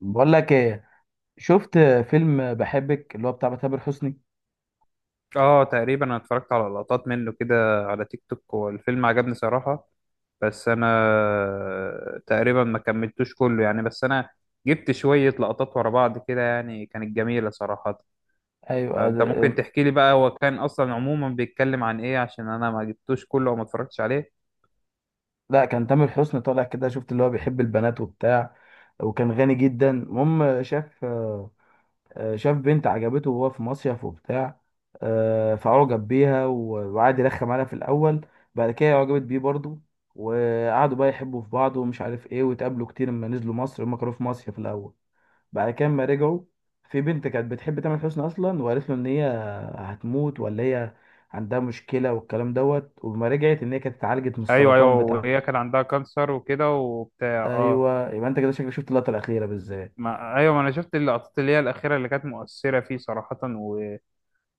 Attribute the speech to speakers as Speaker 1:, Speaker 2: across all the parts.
Speaker 1: بقول لك ايه. شفت فيلم بحبك اللي هو بتاع تامر حسني.
Speaker 2: اه، تقريبا انا اتفرجت على لقطات منه كده على تيك توك، والفيلم عجبني صراحة. بس انا تقريبا ما كملتوش كله يعني. بس انا جبت شوية لقطات ورا بعض كده يعني، كانت جميلة صراحة.
Speaker 1: ايوه
Speaker 2: فانت ممكن
Speaker 1: ده-
Speaker 2: تحكي لي بقى، هو كان اصلا عموما بيتكلم عن ايه؟ عشان انا ما جبتوش كله وما اتفرجتش عليه.
Speaker 1: لا، كان تامر حسني طالع كده، شفت اللي هو بيحب البنات وبتاع، وكان غني جدا. المهم شاف، شاف بنت عجبته وهو في مصيف وبتاع. فعجب بيها وقعد يرخم عليها في الاول. بعد كده عجبت بيه برضه، وقعدوا بقى يحبوا في بعض ومش عارف ايه، واتقابلوا كتير لما نزلوا مصر. هما كانوا في مصيف الاول، بعد كده لما رجعوا في بنت كانت بتحب تامر حسني اصلا، وقالت له ان هي هتموت، ولا هي عندها مشكله والكلام دوت، وما رجعت ان هي كانت اتعالجت من
Speaker 2: ايوه ايوه،
Speaker 1: السرطان بتاعها.
Speaker 2: وهي كان عندها كانسر وكده وبتاع، اه.
Speaker 1: ايوه، يبقى انت كده شكلك شفت اللقطه الاخيره بالذات.
Speaker 2: ما ايوه، ما انا شفت اللقطات اللي هي الاخيرة اللي كانت مؤثرة فيه صراحة و...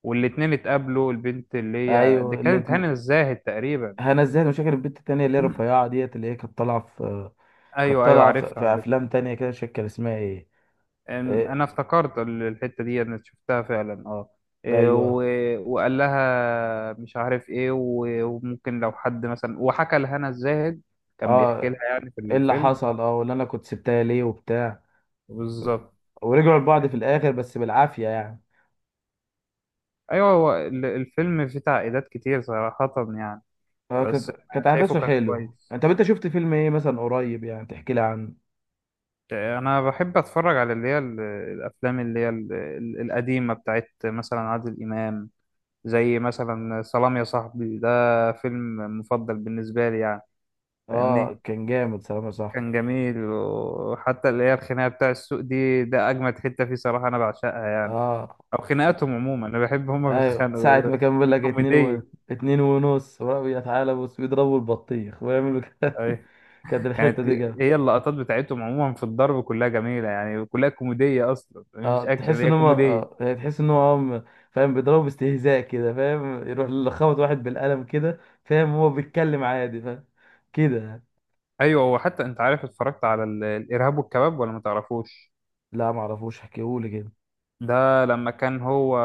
Speaker 2: والاتنين اتقابلوا. البنت اللي هي دي
Speaker 1: ايوه
Speaker 2: كانت
Speaker 1: الاتنين.
Speaker 2: هنا الزاهد تقريبا.
Speaker 1: هنا ازاي؟ مش فاكر البنت التانيه اللي هي رفيعه ديت اللي هي كانت طالعه في، كانت
Speaker 2: ايوه ايوه،
Speaker 1: طالعه في
Speaker 2: عارفها
Speaker 1: في
Speaker 2: عارفها.
Speaker 1: افلام تانيه كده. مش فاكر اسمها ايه.
Speaker 2: أم-
Speaker 1: إيه،
Speaker 2: انا افتكرت الحته دي انا شفتها فعلا، اه.
Speaker 1: ايوه
Speaker 2: وقال لها مش عارف ايه، وممكن لو حد مثلا، وحكى لهنا الزاهد كان بيحكي
Speaker 1: اه.
Speaker 2: لها يعني في
Speaker 1: ايه اللي
Speaker 2: الفيلم.
Speaker 1: حصل اه، ولا انا كنت سبتها ليه وبتاع.
Speaker 2: بالظبط.
Speaker 1: ورجعوا لبعض في الاخر بس بالعافيه يعني.
Speaker 2: ايوه، هو الفيلم فيه تعقيدات كتير صراحه يعني.
Speaker 1: اه،
Speaker 2: بس
Speaker 1: كانت
Speaker 2: أنا
Speaker 1: كانت
Speaker 2: شايفه
Speaker 1: احداثه
Speaker 2: كان
Speaker 1: حلو.
Speaker 2: كويس.
Speaker 1: انت طب انت شفت فيلم ايه مثلا قريب يعني تحكي لي عنه؟
Speaker 2: انا بحب اتفرج على اللي هي الافلام اللي هي القديمه، بتاعت مثلا عادل امام، زي مثلا سلام يا صاحبي ده. فيلم مفضل بالنسبه لي يعني.
Speaker 1: اه،
Speaker 2: فاهمني؟
Speaker 1: كان جامد سلام يا صاحبي.
Speaker 2: كان جميل. وحتى اللي هي الخناقه بتاع السوق دي، ده اجمد حته فيه صراحه، انا بعشقها يعني.
Speaker 1: اه.
Speaker 2: او خناقاتهم عموما، انا بحب هما
Speaker 1: ايوه،
Speaker 2: بيتخانقوا
Speaker 1: ساعة
Speaker 2: يعني،
Speaker 1: ما كان بيقول لك اتنين و...
Speaker 2: كوميديه.
Speaker 1: اتنين ونص، وراهم يتعالى بص بيضربوا البطيخ ويعملوا كده.
Speaker 2: أي.
Speaker 1: كانت الحتة
Speaker 2: كانت
Speaker 1: دي جامدة.
Speaker 2: هي اللقطات بتاعتهم عموما في الضرب كلها جميله يعني، كلها كوميديه اصلا،
Speaker 1: اه،
Speaker 2: مش اكشن،
Speaker 1: تحس ان
Speaker 2: هي
Speaker 1: هم
Speaker 2: كوميديه.
Speaker 1: اه، يعني تحس ان هم فاهم بيضربوا باستهزاء كده، فاهم، يروح خبط واحد بالقلم كده، فاهم، هو بيتكلم عادي فاهم كده يعني.
Speaker 2: ايوه، هو حتى انت عارف اتفرجت على الارهاب والكباب ولا ما تعرفوش؟
Speaker 1: لا معرفوش، احكيهولي كده.
Speaker 2: ده لما كان هو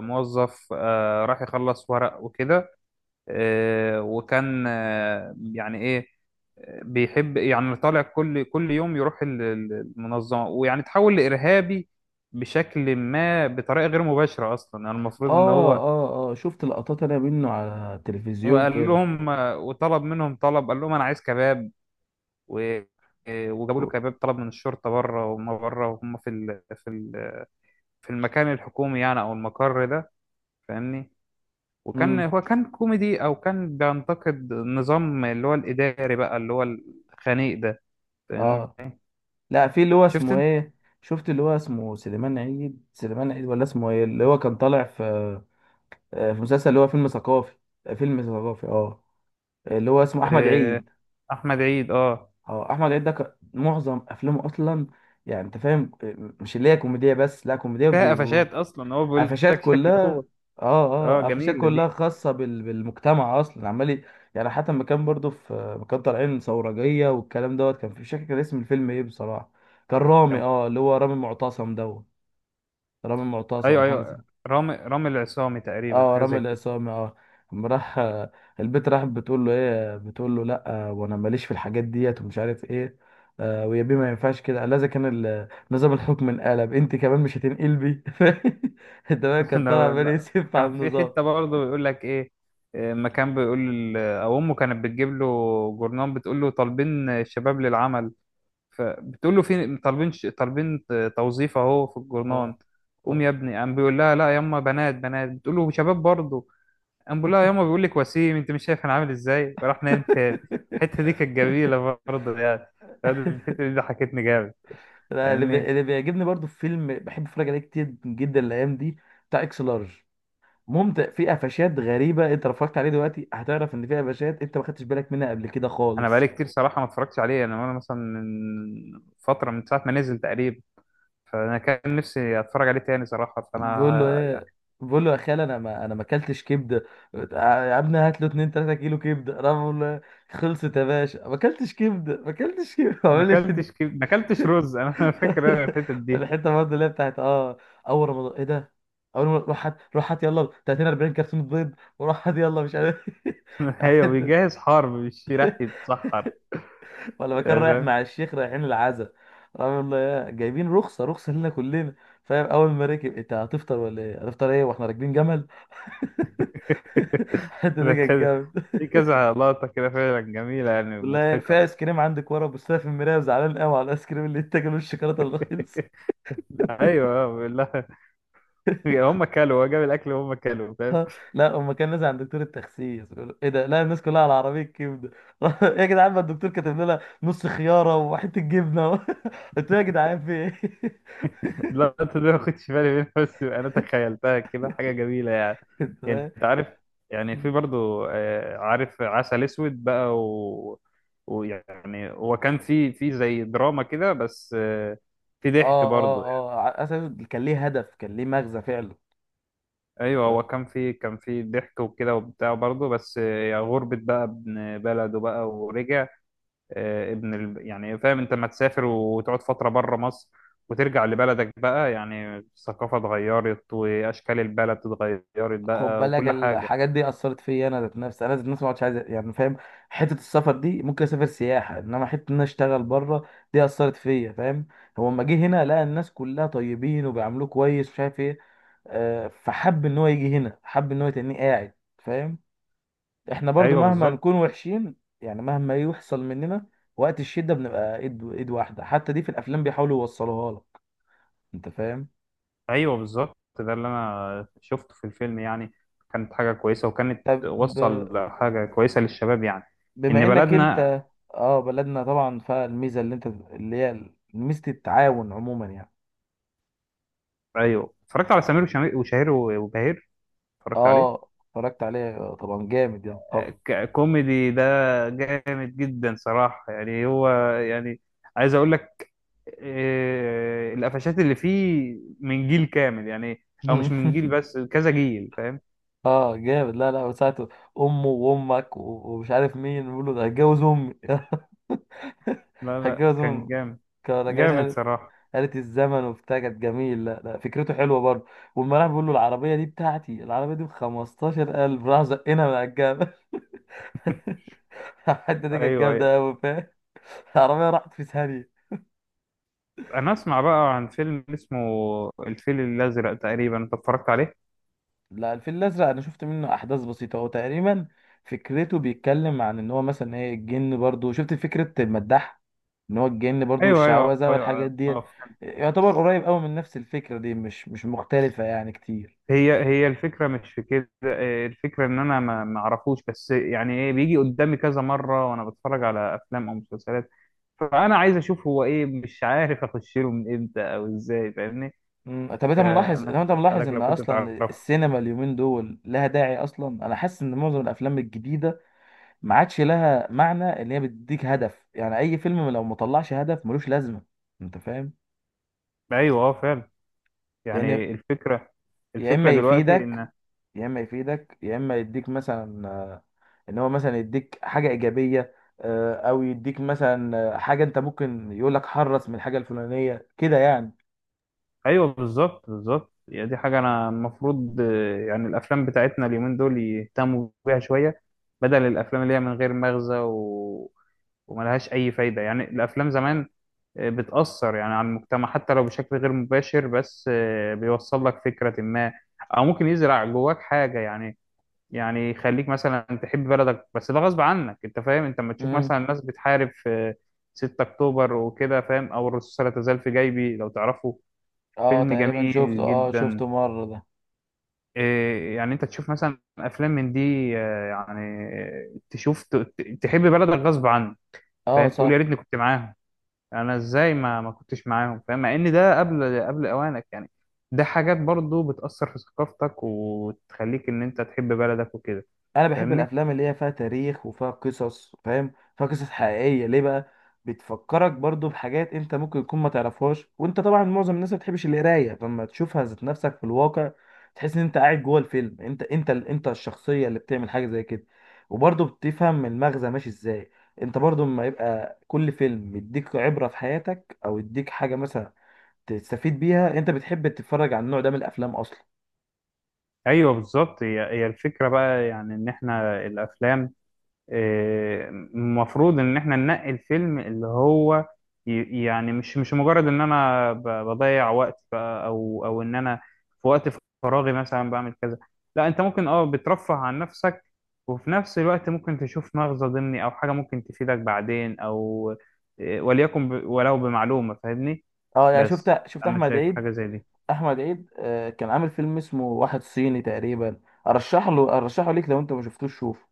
Speaker 2: موظف، راح يخلص ورق وكده. وكان، يعني ايه، بيحب، يعني طالع كل يوم يروح المنظمة، ويعني تحول لإرهابي بشكل ما، بطريقة غير مباشرة أصلا. يعني المفروض إن
Speaker 1: اه
Speaker 2: هو
Speaker 1: اه اه، شفت لقطات انا منه على التلفزيون
Speaker 2: وقال
Speaker 1: كده.
Speaker 2: لهم وطلب منهم طلب، قال لهم أنا عايز كباب. و- وجابوا له كباب. طلب من الشرطة بره، وما بره، وهم في في المكان الحكومي يعني، او المقر ده، فاهمني؟ وكان
Speaker 1: امم
Speaker 2: هو، كان كوميدي، او كان بينتقد النظام اللي هو الاداري بقى، اللي هو الخنيق ده، فاهمني؟
Speaker 1: اه، لا في اللي هو
Speaker 2: شفت
Speaker 1: اسمه
Speaker 2: انت؟
Speaker 1: ايه. شفت اللي هو اسمه سليمان عيد، سليمان عيد ولا اسمه ايه؟ اللي هو كان طالع في، في مسلسل اللي هو فيلم ثقافي. فيلم ثقافي اه، اللي هو اسمه احمد
Speaker 2: آه،
Speaker 1: عيد.
Speaker 2: احمد عيد، اه.
Speaker 1: اه، احمد عيد ده كان معظم افلامه اصلا، يعني انت فاهم مش اللي هي كوميديا بس، لا كوميديا
Speaker 2: فيها قفشات اصلا. هو بيقول
Speaker 1: قفشات
Speaker 2: لك شكله
Speaker 1: كلها.
Speaker 2: هو،
Speaker 1: اه.
Speaker 2: اه،
Speaker 1: اه، قفشات
Speaker 2: جميله
Speaker 1: كلها
Speaker 2: دي.
Speaker 1: خاصة بالمجتمع اصلا عمال يعني. حتى لما كان برضو في لما كان طالعين ثورجية والكلام دوت، كان في مش فاكر كان اسم الفيلم ايه بصراحة. كان رامي
Speaker 2: طب-
Speaker 1: اه، اللي هو رامي معتصم دوت، رامي معتصم
Speaker 2: ايوه
Speaker 1: حاجة زي،
Speaker 2: ايوه، رامي العصامي تقريبا،
Speaker 1: اه
Speaker 2: حاجه
Speaker 1: رامي
Speaker 2: زي كده.
Speaker 1: العصامي اه. لما راح البت راح بتقول له ايه، بتقول له لا وانا ماليش في الحاجات ديت ومش عارف ايه. آه، ويا بيه ما ينفعش كده، لازم كان نظام الحكم انقلب، انت كمان مش هتنقلبي؟ انت بقى كان طالع عمال
Speaker 2: لا،
Speaker 1: يسف على
Speaker 2: كان في
Speaker 1: النظام.
Speaker 2: حته برضه بيقول لك ايه. ما كان بيقول، او امه كانت بتجيب له جورنان، بتقول له طالبين الشباب للعمل، فبتقول له في طالبين طالبين توظيف اهو في الجورنان.
Speaker 1: اه
Speaker 2: قوم
Speaker 1: اه.
Speaker 2: يا ابني. قام بيقول لها لا يما، بنات بنات. بتقول له شباب برضه. قام بيقول لها يما، بيقول لك وسيم، انت مش شايف انا عامل ازاي؟ وراح نايم تاني. الحته دي كانت جميله برضه يعني. الحته دي ضحكتني جامد.
Speaker 1: لا،
Speaker 2: فاهمني؟
Speaker 1: اللي بيعجبني برضو في فيلم بحب اتفرج عليه كتير جدا الايام دي بتاع اكس لارج. ممتع، فيه قفشات غريبه. انت لو اتفرجت عليه دلوقتي هتعرف ان فيه قفشات انت ما خدتش بالك منها قبل كده
Speaker 2: انا بقالي
Speaker 1: خالص.
Speaker 2: كتير صراحه ما اتفرجتش عليه. انا مثلا من فتره، من ساعه ما نزل تقريبا، فانا كان نفسي اتفرج عليه تاني صراحه.
Speaker 1: بقول له
Speaker 2: فانا
Speaker 1: ايه. بقول له يا خال، انا ما اكلتش كبده. آه يا ابني هات له 2 3 كيلو كبده. انا بقول له إيه؟ خلصت يا باشا، ما اكلتش كبده، ما اكلتش كبده ما عملش
Speaker 2: ما اكلتش رز. انا فاكر أنا الحته دي.
Speaker 1: الحته برضه اللي هي بتاعت اه اول رمضان، ايه ده؟ اول ما روح، هات روح هات يلا 30 40 كرتونه بيض، وروح هات يلا مش عارف
Speaker 2: ايوه،
Speaker 1: حتة-
Speaker 2: بيجهز حرب مش رايح يتسحر،
Speaker 1: ولا ما كان
Speaker 2: يعني
Speaker 1: رايح
Speaker 2: فاهم؟
Speaker 1: مع الشيخ رايحين العزا، رحمه الله يا جايبين، رخصه رخصه لنا كلنا فاهم. اول ما ركب: انت هتفطر ولا ايه؟ هتفطر ايه واحنا راكبين جمل؟ الحته دي
Speaker 2: ده
Speaker 1: كانت
Speaker 2: كذا،
Speaker 1: جامد.
Speaker 2: في كذا لقطة كده فعلا جميلة يعني
Speaker 1: والله، في
Speaker 2: مضحكة.
Speaker 1: ايس كريم عندك ورا، بص لها في المرايه وزعلان قوي على الايس كريم اللي انت جايبه الشوكولاته الرخيص.
Speaker 2: ايوه بالله، هم كلوا، هو جاب الاكل وهم كلوا فاهم؟
Speaker 1: لا اما كان نازل عند دكتور التخسيس بيقول له، ايه ده؟ لا الناس كلها على عربيه كبده! يا جدعان، ما الدكتور كاتب لنا نص خياره وحته جبنه قلت له يا جدعان في ايه؟
Speaker 2: اللقطة دي ما كنتش بالي منها، بس انا تخيلتها كده حاجة جميلة يعني.
Speaker 1: أنت
Speaker 2: يعني
Speaker 1: فاهم؟
Speaker 2: انت عارف. يعني في برضو، عارف عسل اسود بقى و... ويعني هو كان في زي دراما كده بس، في ضحك
Speaker 1: اه اه
Speaker 2: برضو.
Speaker 1: اه، على اساس كان ليه هدف، كان ليه مغزى فعلا. أنت
Speaker 2: ايوه،
Speaker 1: فاهم؟
Speaker 2: هو كان في ضحك وكده وبتاع برضه، بس يا غربة بقى ابن بلده بقى ورجع. ابن ال... يعني فاهم انت؟ لما تسافر وتقعد فترة بره مصر وترجع لبلدك بقى، يعني الثقافة اتغيرت، واشكال البلد اتغيرت
Speaker 1: خد
Speaker 2: بقى،
Speaker 1: بالك
Speaker 2: وكل حاجة.
Speaker 1: الحاجات دي اثرت فيا. انا ذات نفسي ما عادش عايز، يعني فاهم، حته السفر دي ممكن اسافر سياحه، انما حته ان انا اشتغل بره دي اثرت فيا، فاهم. هو لما جه هنا لقى الناس كلها طيبين وبيعاملوه كويس ومش عارف ايه، فحب ان هو يجي هنا، حب ان هو يتنيه قاعد، فاهم. احنا برضو
Speaker 2: ايوه
Speaker 1: مهما
Speaker 2: بالظبط.
Speaker 1: نكون وحشين يعني مهما يحصل مننا، وقت الشدة بنبقى ايد ايد واحدة. حتى دي في الافلام بيحاولوا يوصلوها لك، انت فاهم.
Speaker 2: ايوه بالظبط، ده اللي انا شفته في الفيلم يعني. كانت حاجة كويسة، وكانت
Speaker 1: طب
Speaker 2: وصل حاجة كويسة للشباب يعني،
Speaker 1: بما
Speaker 2: ان
Speaker 1: انك
Speaker 2: بلدنا.
Speaker 1: انت، اه بلدنا طبعا، فالميزة اللي انت اللي هي ميزة التعاون عموما يعني.
Speaker 2: ايوه، اتفرجت على سمير وشهير وبهير. اتفرجت عليه.
Speaker 1: اه اتفرجت عليه طبعا جامد يعني طبعا.
Speaker 2: كوميدي ده، جامد جدا صراحة يعني. هو يعني، عايز اقول لك القفشات اللي فيه من جيل كامل يعني. او مش من جيل بس، كذا جيل، فاهم؟
Speaker 1: اه جامد، لا لا، وساعته امه وامك ومش عارف مين بيقول له ده هتجوز امي.
Speaker 2: لا لا،
Speaker 1: هتجوز
Speaker 2: كان
Speaker 1: امي!
Speaker 2: جامد.
Speaker 1: كانوا راجعين
Speaker 2: جامد
Speaker 1: قالت،
Speaker 2: صراحة.
Speaker 1: قالت الزمن وبتاع كانت جميل. لا لا، فكرته حلوه برضه. والما راح بيقول له العربيه دي بتاعتي، العربيه دي ب 15000، راح زقنا من على الجبل. الحته دي كانت
Speaker 2: ايوه ايوه.
Speaker 1: جامده قوي فاهم. العربيه راحت في ثانيه.
Speaker 2: انا اسمع بقى عن فيلم اسمه الفيل الازرق تقريبا، انت اتفرجت عليه؟
Speaker 1: لا، الفيل الأزرق أنا شفت منه أحداث بسيطة. هو تقريبا فكرته بيتكلم عن إن هو مثلا إيه الجن، برضو شفت فكرة المداح إن هو الجن برضو،
Speaker 2: ايوه ايوه
Speaker 1: والشعوذة والحاجات
Speaker 2: ايوه،
Speaker 1: ديت.
Speaker 2: أيوة.
Speaker 1: يعتبر قريب أوي من نفس الفكرة دي، مش مختلفة يعني كتير.
Speaker 2: هي الفكرة مش في كده. الفكرة إن أنا ما أعرفوش، بس يعني إيه بيجي قدامي كذا مرة وأنا بتفرج على أفلام أو مسلسلات، فأنا عايز أشوف هو إيه، مش عارف أخش له من إمتى أو إزاي، فاهمني؟
Speaker 1: طب أنت ملاحظ،
Speaker 2: أنا
Speaker 1: لو أنت
Speaker 2: كنت
Speaker 1: ملاحظ
Speaker 2: بسألك
Speaker 1: إن
Speaker 2: لو كنت
Speaker 1: أصلا
Speaker 2: بتعرفه.
Speaker 1: السينما اليومين دول لها داعي أصلا؟ أنا حاسس إن معظم الأفلام الجديدة ما عادش لها معنى. إن هي بتديك هدف، يعني أي فيلم لو مطلعش هدف ملوش لازمة. أنت فاهم؟
Speaker 2: أيوه، أه، فعلا.
Speaker 1: لأن،
Speaker 2: يعني الفكرة،
Speaker 1: يا إما
Speaker 2: الفكرة دلوقتي
Speaker 1: يفيدك،
Speaker 2: إن.
Speaker 1: يا اما يديك مثلا ان هو مثلا يديك حاجه ايجابيه. او يديك مثلا حاجه انت ممكن يقول لك حرص من الحاجه الفلانيه كده يعني.
Speaker 2: أيوه بالظبط بالظبط، يعني دي حاجة أنا المفروض، يعني الأفلام بتاعتنا اليومين دول يهتموا بيها شوية، بدل الأفلام اللي هي من غير مغزى و... وملهاش اي فايده. يعني الافلام زمان بتأثر يعني على المجتمع، حتى لو بشكل غير مباشر، بس بيوصل لك فكرة ما، أو ممكن يزرع جواك حاجة يعني. يعني يخليك مثلا تحب بلدك، بس ده غصب عنك. أنت فاهم؟ أنت لما تشوف
Speaker 1: امم
Speaker 2: مثلا الناس بتحارب في 6 أكتوبر وكده، فاهم؟ أو الرصاصة لا تزال في جيبي، لو تعرفه.
Speaker 1: اه
Speaker 2: فيلم
Speaker 1: تقريبا شفته،
Speaker 2: جميل
Speaker 1: اه شفته
Speaker 2: جدا.
Speaker 1: مره ده.
Speaker 2: يعني أنت تشوف مثلا أفلام من دي، يعني، تشوف تحب بلدك غصب عنك،
Speaker 1: اه
Speaker 2: فاهم؟ تقول يا
Speaker 1: صح.
Speaker 2: ريتني كنت معاهم، انا ازاي ما كنتش معاهم، فاهم؟ مع ان ده قبل اوانك يعني. ده حاجات برضو بتأثر في ثقافتك، وتخليك ان انت تحب بلدك وكده.
Speaker 1: انا بحب
Speaker 2: فاهمني؟
Speaker 1: الافلام اللي هي فيها تاريخ وفيها قصص، فاهم، فيها قصص حقيقيه. ليه بقى؟ بتفكرك برضو بحاجات انت ممكن تكون ما تعرفهاش، وانت طبعا معظم الناس ما بتحبش القرايه، فلما تشوفها ذات نفسك في الواقع تحس ان انت قاعد جوه الفيلم. انت انت انت الشخصيه اللي بتعمل حاجه زي كده. وبرضو بتفهم المغزى ماشي ازاي. انت برضو لما يبقى كل فيلم يديك عبره في حياتك او يديك حاجه مثلا تستفيد بيها، انت بتحب تتفرج على النوع ده من الافلام اصلا.
Speaker 2: ايوه بالظبط، هي الفكرة بقى يعني. ان احنا الافلام، المفروض ان احنا ننقي الفيلم اللي هو يعني مش مجرد ان انا بضيع وقت بقى، او ان انا في وقت فراغي مثلا بعمل كذا. لا، انت ممكن اه، بترفه عن نفسك، وفي نفس الوقت ممكن تشوف مغزى ضمني، او حاجة ممكن تفيدك بعدين، او وليكن ولو بمعلومة، فاهمني؟
Speaker 1: اه، يعني
Speaker 2: بس
Speaker 1: شفت
Speaker 2: انا
Speaker 1: احمد
Speaker 2: شايف
Speaker 1: عيد.
Speaker 2: حاجة زي دي.
Speaker 1: احمد عيد كان عامل فيلم اسمه واحد صيني تقريبا. ارشح له، ارشحه ليك لو انت ما شفتوش شوفه.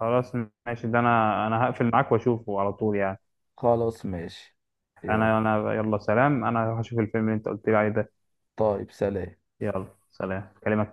Speaker 2: خلاص ماشي، ده انا هقفل معاك واشوفه على طول يعني.
Speaker 1: خلاص ماشي. يلا.
Speaker 2: انا يلا سلام، انا هشوف الفيلم اللي انت قلت لي عليه ده.
Speaker 1: طيب سلام.
Speaker 2: يلا سلام، كلمك.